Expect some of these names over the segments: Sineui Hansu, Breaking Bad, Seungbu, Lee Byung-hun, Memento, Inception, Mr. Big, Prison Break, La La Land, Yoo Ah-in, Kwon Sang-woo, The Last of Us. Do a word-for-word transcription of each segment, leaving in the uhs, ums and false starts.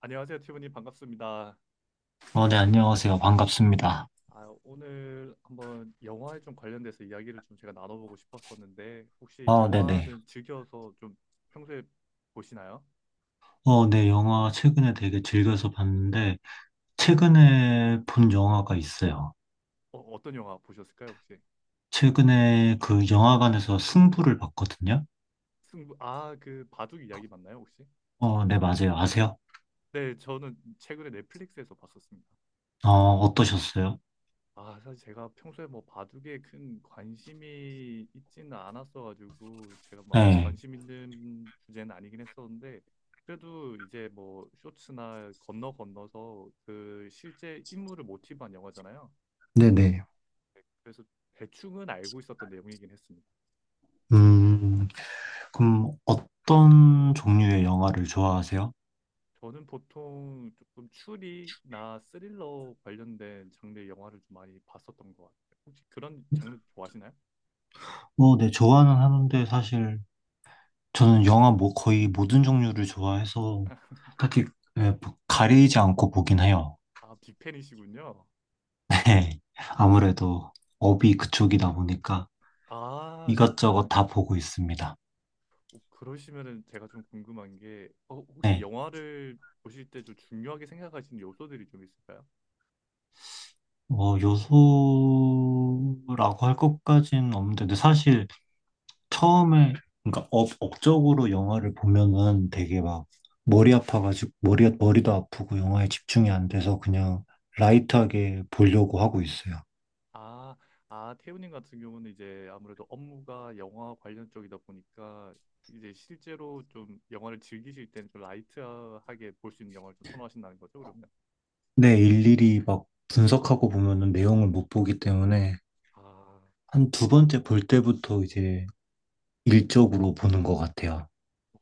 안녕하세요, 티브님 반갑습니다. 어, 네, 안녕하세요. 반갑습니다. 아, 오늘 한번 영화에 좀 관련돼서 이야기를 좀 제가 나눠보고 싶었었는데 혹시 아, 네네. 영화는 즐겨서 좀 평소에 보시나요? 어, 네, 영화 최근에 되게 즐겨서 봤는데, 최근에 본 영화가 있어요. 어, 어떤 영화 보셨을까요, 혹시? 최근에 그 영화관에서 승부를 봤거든요. 승부, 아, 그 바둑 이야기 맞나요, 혹시? 어, 네, 맞아요. 아세요? 네, 저는 최근에 넷플릭스에서 봤었습니다. 어, 어떠셨어요? 아, 사실 제가 평소에 뭐 바둑에 큰 관심이 있지는 않았어가지고 제가 막그 네. 관심 있는 주제는 아니긴 했었는데 그래도 이제 뭐 쇼츠나 건너 건너서 그 실제 인물을 모티브한 영화잖아요. 네네. 네, 그래서 대충은 알고 있었던 내용이긴 했습니다. 음, 그럼 어떤 종류의 영화를 좋아하세요? 저는 보통 조금 추리나 스릴러 관련된 장르의 영화를 좀 많이 봤었던 것 같아요. 혹시 그런 장르 좋아하시나요? 어, 네, 좋아는 하는데 사실 저는 영화 뭐 거의 모든 종류를 좋아해서 딱히 예 뭐 가리지 않고 보긴 해요. 아, 빅팬이시군요. 네, 아무래도 업이 그쪽이다 보니까 아, 이것저것 다 보고 있습니다. 어, 그러시면은 제가 좀 궁금한 게, 어, 혹시 네, 영화를 보실 때 좀 중요하게 생각하시는 요소들이 좀 있을까요? 뭐 요소라고 할 것까지는 없는데 근데 사실 처음에 그러니까 업, 업적으로 영화를 보면은 되게 막 머리 아파가지고 머리 머리도 아프고 영화에 집중이 안 돼서 그냥 라이트하게 보려고 하고 있어요. 아, 아, 태우님 같은 경우는 이제 아무래도 업무가 영화 관련 쪽이다 보니까 이제 실제로 좀 영화를 즐기실 때는 좀 라이트하게 볼 수 있는 영화를 좀 선호하신다는 거죠, 그러면? 네, 일일이 막 분석하고 보면은 내용을 못 보기 때문에 아, 한 두 번째 볼 때부터 이제 일적으로 보는 것 같아요.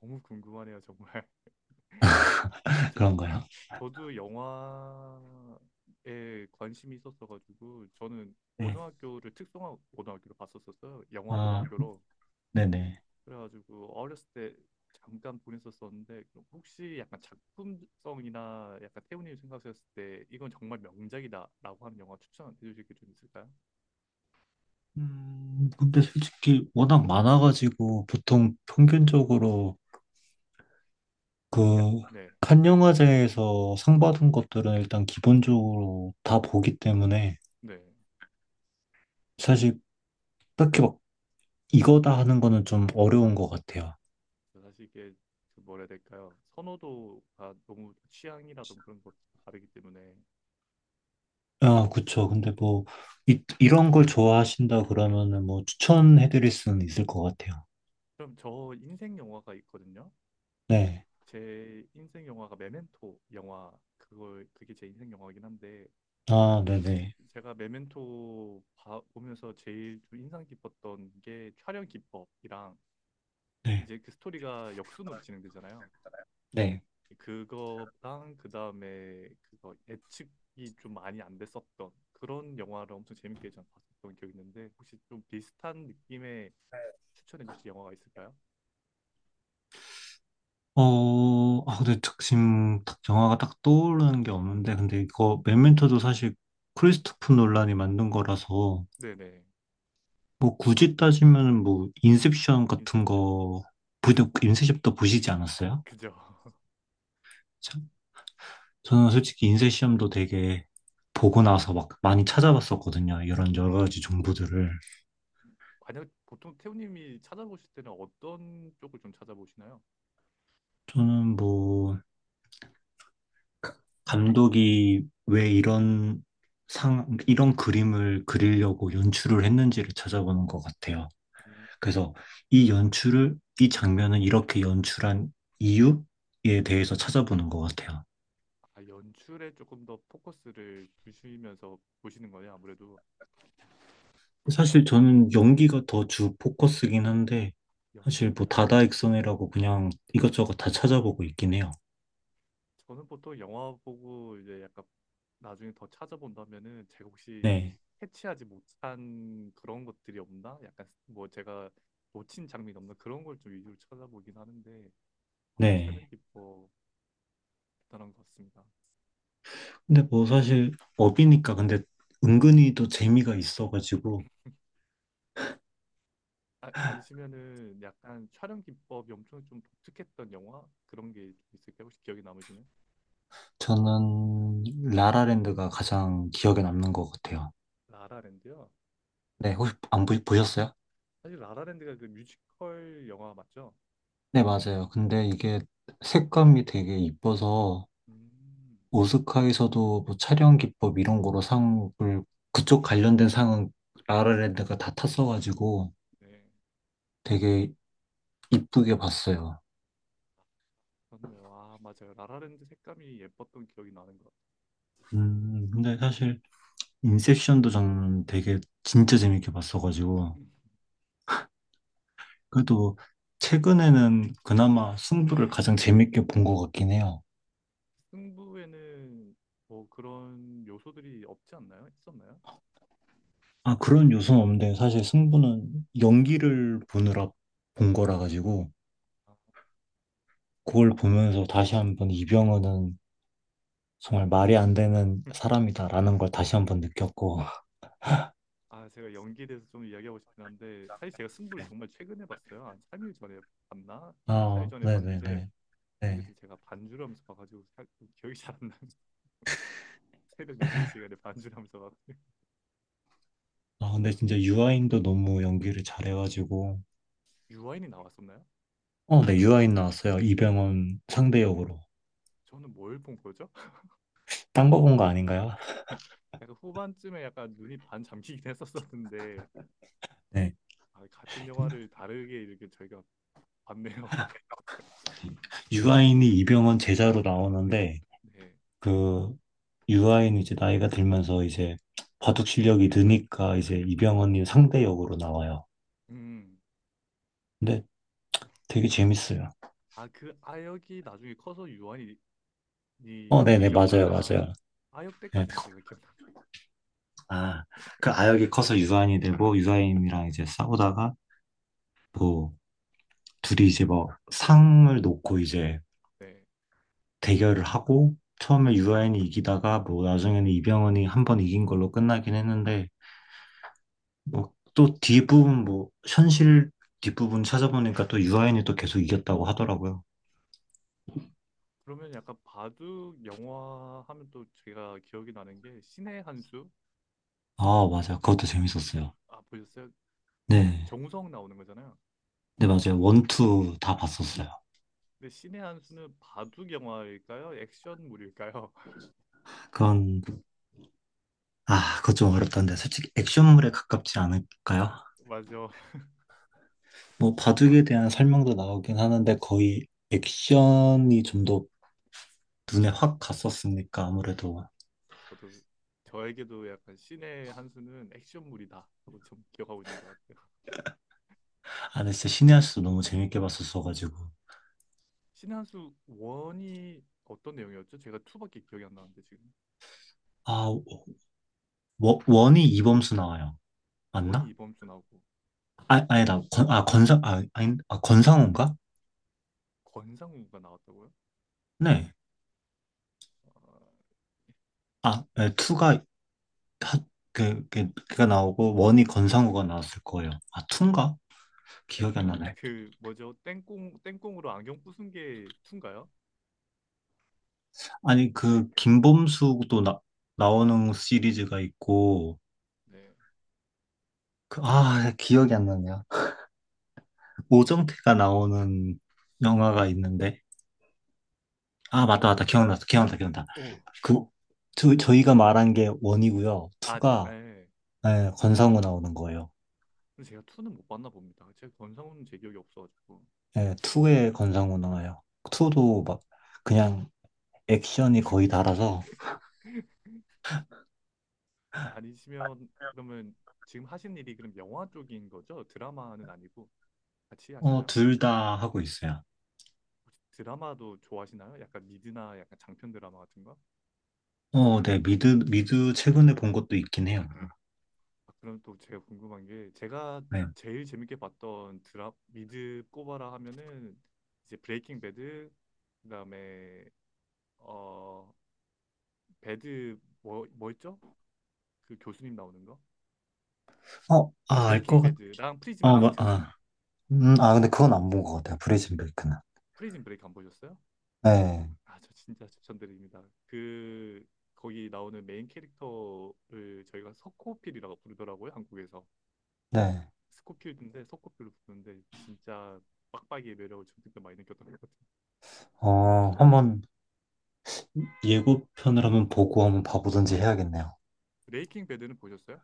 너무 궁금하네요, 정말. 아니, 저, 저, 그런가요? 저도 영화에 관심이 있었어가지고 저는 네. 고등학교를 특성화 고등학교로 갔었었어요. 영화 아, 고등학교로. 네네. 그래가지고 어렸을 때 잠깐 보냈었었는데 그럼 혹시 약간 작품성이나 약간 태훈님 생각하셨을 때 이건 정말 명작이다라고 하는 영화 추천해 주실 게 좀 있을까요? 음, 근데 솔직히 워낙 많아가지고 보통 평균적으로 야, 그 네, 칸 영화제에서 상 받은 것들은 일단 기본적으로 다 보기 때문에 네. 사실 딱히 막 이거다 하는 거는 좀 어려운 것 같아요. 저 사실 이게 그 뭐라 해야 될까요? 선호도가 너무 취향이라든 그런 것도 다르기 때문에 아, 그쵸. 근데 뭐 이, 이런 걸 좋아하신다 그러면은 뭐 추천해드릴 수는 있을 것 같아요. 그럼 저 인생 영화가 있거든요. 네. 제 인생 영화가 메멘토 영화 그걸 그게 제 인생 영화긴 한데 아, 네네. 제가 메멘토 봐- 보면서 제일 좀 인상 깊었던 게 촬영 기법이랑 네. 이제 그 스토리가 역순으로 진행되잖아요. 네. 그거랑 그다음에 그거 예측이 좀 많이 안 됐었던 그런 영화를 엄청 재밌게 전 봤었던 기억이 있는데 혹시 좀 비슷한 느낌의 추천해 주실 영화가 있을까요? 어, 아, 근데 지금 딱 영화가 딱 떠오르는 게 없는데, 근데 이거 메멘토도 사실 크리스토프 놀란이 만든 거라서, 네네. 뭐 굳이 따지면은 뭐 인셉션 같은 인셉션. 거, 부도 인셉션도 보시지 않았어요? 그죠. 저- 저는 솔직히 인셉션도 되게 보고 나서 막 많이 찾아봤었거든요. 이런 여러 가지 정보들을. 만약 보통 태우님이 찾아보실 때는 어떤 쪽을 좀 찾아보시나요? 저는 뭐, 가- 감독이 왜 이런 상, 이런 그림을 그리려고 연출을 했는지를 찾아보는 것 같아요. 그래서 이 연출을, 이 장면을 이렇게 연출한 이유에 대해서 찾아보는 것 같아요. 아, 연출에 조금 더 포커스를 두시면서 보시는 거냐, 아무래도 사실 저는 연기가 더 주 포커스긴 한데, 사실 뭐 연기. 다다익선이라고 그냥 이것저것 다 찾아보고 있긴 해요. 저는 보통 영화 보고 이제 약간 나중에 더 찾아본다면은 제가 혹시 네, 캐치하지 못한 그런 것들이 없나? 약간 뭐 제가 놓친 장면이 없나? 그런 걸 좀 위주로 찾아보긴 하는데 아, 촬영 네. 기법 대단한 것 같습니다. 근데 뭐 사실 업이니까 근데 은근히 또 재미가 있어가지고, 아, 아니시면은 약간 촬영 기법이 엄청 좀 독특했던 영화? 그런 게 있을까요? 혹시 기억에 남으시는? 저는 라라랜드가 가장 기억에 남는 것 같아요. 라라랜드요? 네, 혹시 안 보, 보셨어요? 사실 라라랜드가 그 뮤지컬 영화 맞죠? 네, 맞아요. 근데 이게 색감이 되게 이뻐서 음, 오스카에서도 뭐 촬영 기법 이런 거로 상을 그쪽 관련된 상은 라라랜드가 다 탔어가지고 네, 되게 이쁘게 봤어요. 그렇네요. 아, 맞아요. 라라랜드 색감이 예뻤던 기억이 나는 것 같아요. 음, 근데 사실 인셉션도 저는 되게 진짜 재밌게 봤어가지고 음. 그래도 최근에는 그나마 승부를 가장 재밌게 본 것 같긴 해요. 승부에는 뭐 그런 요소들이 없지 않나요? 있었나요? 아, 그런 요소는 없는데 사실 승부는 연기를 보느라 본 거라 가지고 아, 그걸 보면서 다시 한번 이병헌은 정말 말이 안 되는 사람이다라는 걸 다시 한 번 느꼈고, 아, 제가 연기에 대해서 좀 이야기하고 싶긴 한데 사실 제가 승부를 네. 정말 최근에 봤어요. 한 삼 일 전에 봤나? 삼, 사 일 아, 전에 네네네. 봤는데 사실 그때 네. 제가 반주를 하면서 봐가지고 사- 기억이 잘 안 나는 새벽 늦은 시간에 반주를 하면서 봐가지고 아, 아, 근데 진짜 유아인도 너무 연기를 잘해가지고, 유아인이 나왔었나요? 어, 네, 유아인 나왔어요. 이병헌 상대 역으로. 저는 뭘 본 거죠? 딴 거 본 거 아닌가요? 약간 후반쯤에 약간 눈이 반 잠기긴 했었었는데 네. 아, 같은 영화를 다르게 이렇게 저희가 봤네요. 유아인이 이병헌 제자로 나오는데, 네. 그, 유아인이 이제 나이가 들면서 이제 바둑 실력이 느니까 이제 이병헌이 상대 역으로 나와요. 음. 근데 되게 재밌어요. 아, 그 아역이 나중에 커서 유한이 어, 이 네네, 다시 역할 맞아요, 아 맞아요. 아역 네. 때까지만 제가 아, 그 아역이 커서 유아인이 되고 유아인이랑 이제 싸우다가 뭐 둘이 이제 뭐 상을 놓고 이제 기억나는데 대결을 하고 처음에 유아인이 이기다가 뭐 나중에는 이병헌이 한 번 이긴 걸로 끝나긴 했는데 뭐 또 뒷부분 뭐 현실 뒷부분 찾아보니까 또 유아인이 또 계속 이겼다고 하더라고요. 그러면 약간 바둑 영화 하면 또 제가 기억이 나는 게 신의 한 수? 아, 맞아요. 그것도 재밌었어요. 아, 보셨어요? 네. 정우성 나오는 거잖아요. 네, 맞아요. 원투 다 봤었어요. 근데 신의 한 수는 바둑 영화일까요? 액션물일까요? 그건 아, 그것 좀 어렵던데 솔직히 액션물에 가깝지 않을까요? 맞아. 뭐 바둑에 대한 설명도 나오긴 하는데 거의 액션이 좀 더 눈에 확 갔었으니까 아무래도. 저도 저에게도 약간 신의 한 수는 액션물이다 라고 좀 기억하고 있는 것 같아요. 아 근데 진짜 신의 한 수도 너무 재밌게 봤었어가지고. 신의 한수 원이 어떤 내용이었죠? 제가 투밖에 기억이 안 나는데 지금 아 워- 원이 이범수 나와요. 원이 맞나? 이범주 나오고 아 아니다. 건, 아 건상 아 아니 아 건상우인가? 권상우가 나왔다고요? 네아. 어, 네, 투가 하, 그, 그, 그가 나오고 원이 건상우가 나왔을 거예요. 아 투인가? 기억이 안 약간 나네. 그 뭐죠? 땡꽁 땡꽁으로 안경 부순 게투인가요 아니, 그 김범수도 나, 나오는 시리즈가 있고. 네. 그- 아, 기억이 안 나네요. 그 오정태가 나오는 영화가 있는데. 아, 그러면 맞다, 맞다. 기억났어. 기억났다, 기억났다. 오, 그, 저, 저희가 말한 게 원이고요. 아, 저, 투가, 예. 예, 권상우 나오는 거예요. 근데 제가 투는못 봤나 봅니다. 제가 권상우는 제 기억이 없어가지고. 예, 투에 권상우 나와요. 투도 음, 막, 그냥 액션이 거의 달아서, 아니시면 그러면 지금 하신 일이 그럼 영화 쪽인 거죠? 드라마는 아니고. 같이 어, 하시나요? 둘 다 하고 있어요. 혹시 드라마도 좋아하시나요? 약간 미드나 약간 장편 드라마 같은 거? 어, 네, 미드, 미드 최근에 본 것도 있긴 해요. 아, 그럼 또 제가 궁금한 게 제가 네. 제일 재밌게 봤던 드라 미드 꼽아라 하면은 이제 브레이킹 배드 그다음에 어 배드 뭐 뭐였죠? 그 교수님 나오는 거? 어, 아, 알 브레이킹 것 같. 배드랑 프리즌 아, 마- 브레이크. 아. 음, 아, 근데 그건 안 본 것 같아요. 브레이즌 베이크는. 프리즌 브레이크 안 보셨어요? 네, 아, 저 진짜 추천드립니다. 그 거기 나오는 메인 캐릭터를 저희가 석호필이라고 부르더라고요, 한국에서. 네. 스코필드인데 서코필로 부는데 진짜 빡빡이의 매력을 좀 더 많이 느꼈던 것 같아요. 어, 한번 예고편을 한번 보고 한번 봐보든지 해야겠네요. 브레이킹 배드는 보셨어요?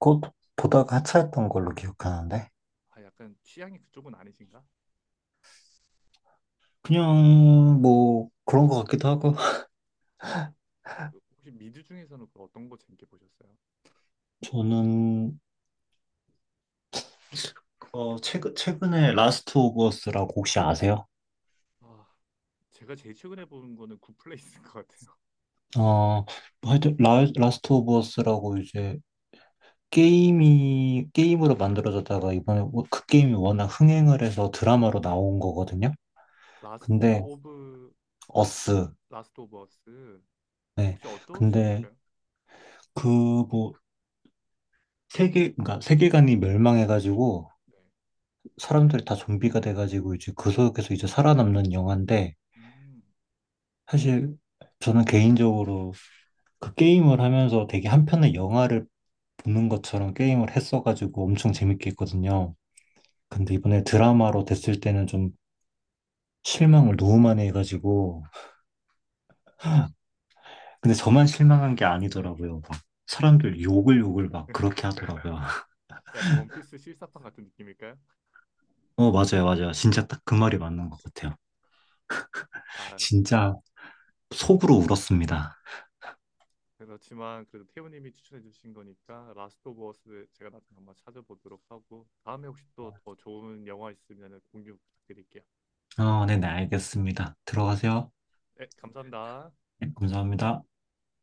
그것 보다가 하차했던 걸로 기억하는데. 아 약간 취향이 그쪽은 아니신가? 그냥 뭐 그런 것 같기도 하고. 그 혹시 미드 중에서는 그 어떤 거 재밌게 보셨어요? 저는 어, 최근, 최근에 라스트 오브 어스라고 혹시 아세요? 아 제가 제일 최근에 본 거는 굿플레이스인 것 같아요. 어, 뭐 하여튼 라, 라스트 오브 어스라고 이제 게임이 게임으로 만들어졌다가 이번에 워- 그 게임이 워낙 흥행을 해서 드라마로 나온 거거든요. 라스트 근데 오브 어스. 라스트 오브 어스 네. 혹시 어떤 근데 내용일까요? 그뭐 세계, 그러니까 세계관이 멸망해가지고 네. 사람들이 다 좀비가 돼가지고 이제 그 속에서 이제 살아남는 영화인데 음. 사실 저는 개인적으로 그 게임을 하면서 되게 한편의 영화를 보는 것처럼 게임을 했어가지고 엄청 재밌게 했거든요. 근데 이번에 드라마로 됐을 때는 좀 실망을 너무 많이 해가지고 근데 저만 실망한 게 아니더라고요. 막 사람들 욕을 욕을 막 그렇게 하더라고요. 약간 원피스 실사판 같은 느낌일까요? 어, 맞아요, 맞아요. 진짜 딱 그 말이 맞는 것 같아요. 아 진짜 속으로 울었습니다. 그렇지만 그래도 태우님이 추천해 주신 거니까 라스트 오브 어스 제가 나중에 한번 찾아보도록 하고 다음에 혹시 또 더 좋은 영화 있으면 공유 부탁드릴게요. 아, 네네, 알겠습니다. 들어가세요. 네, 감사합니다. 네, 감사합니다.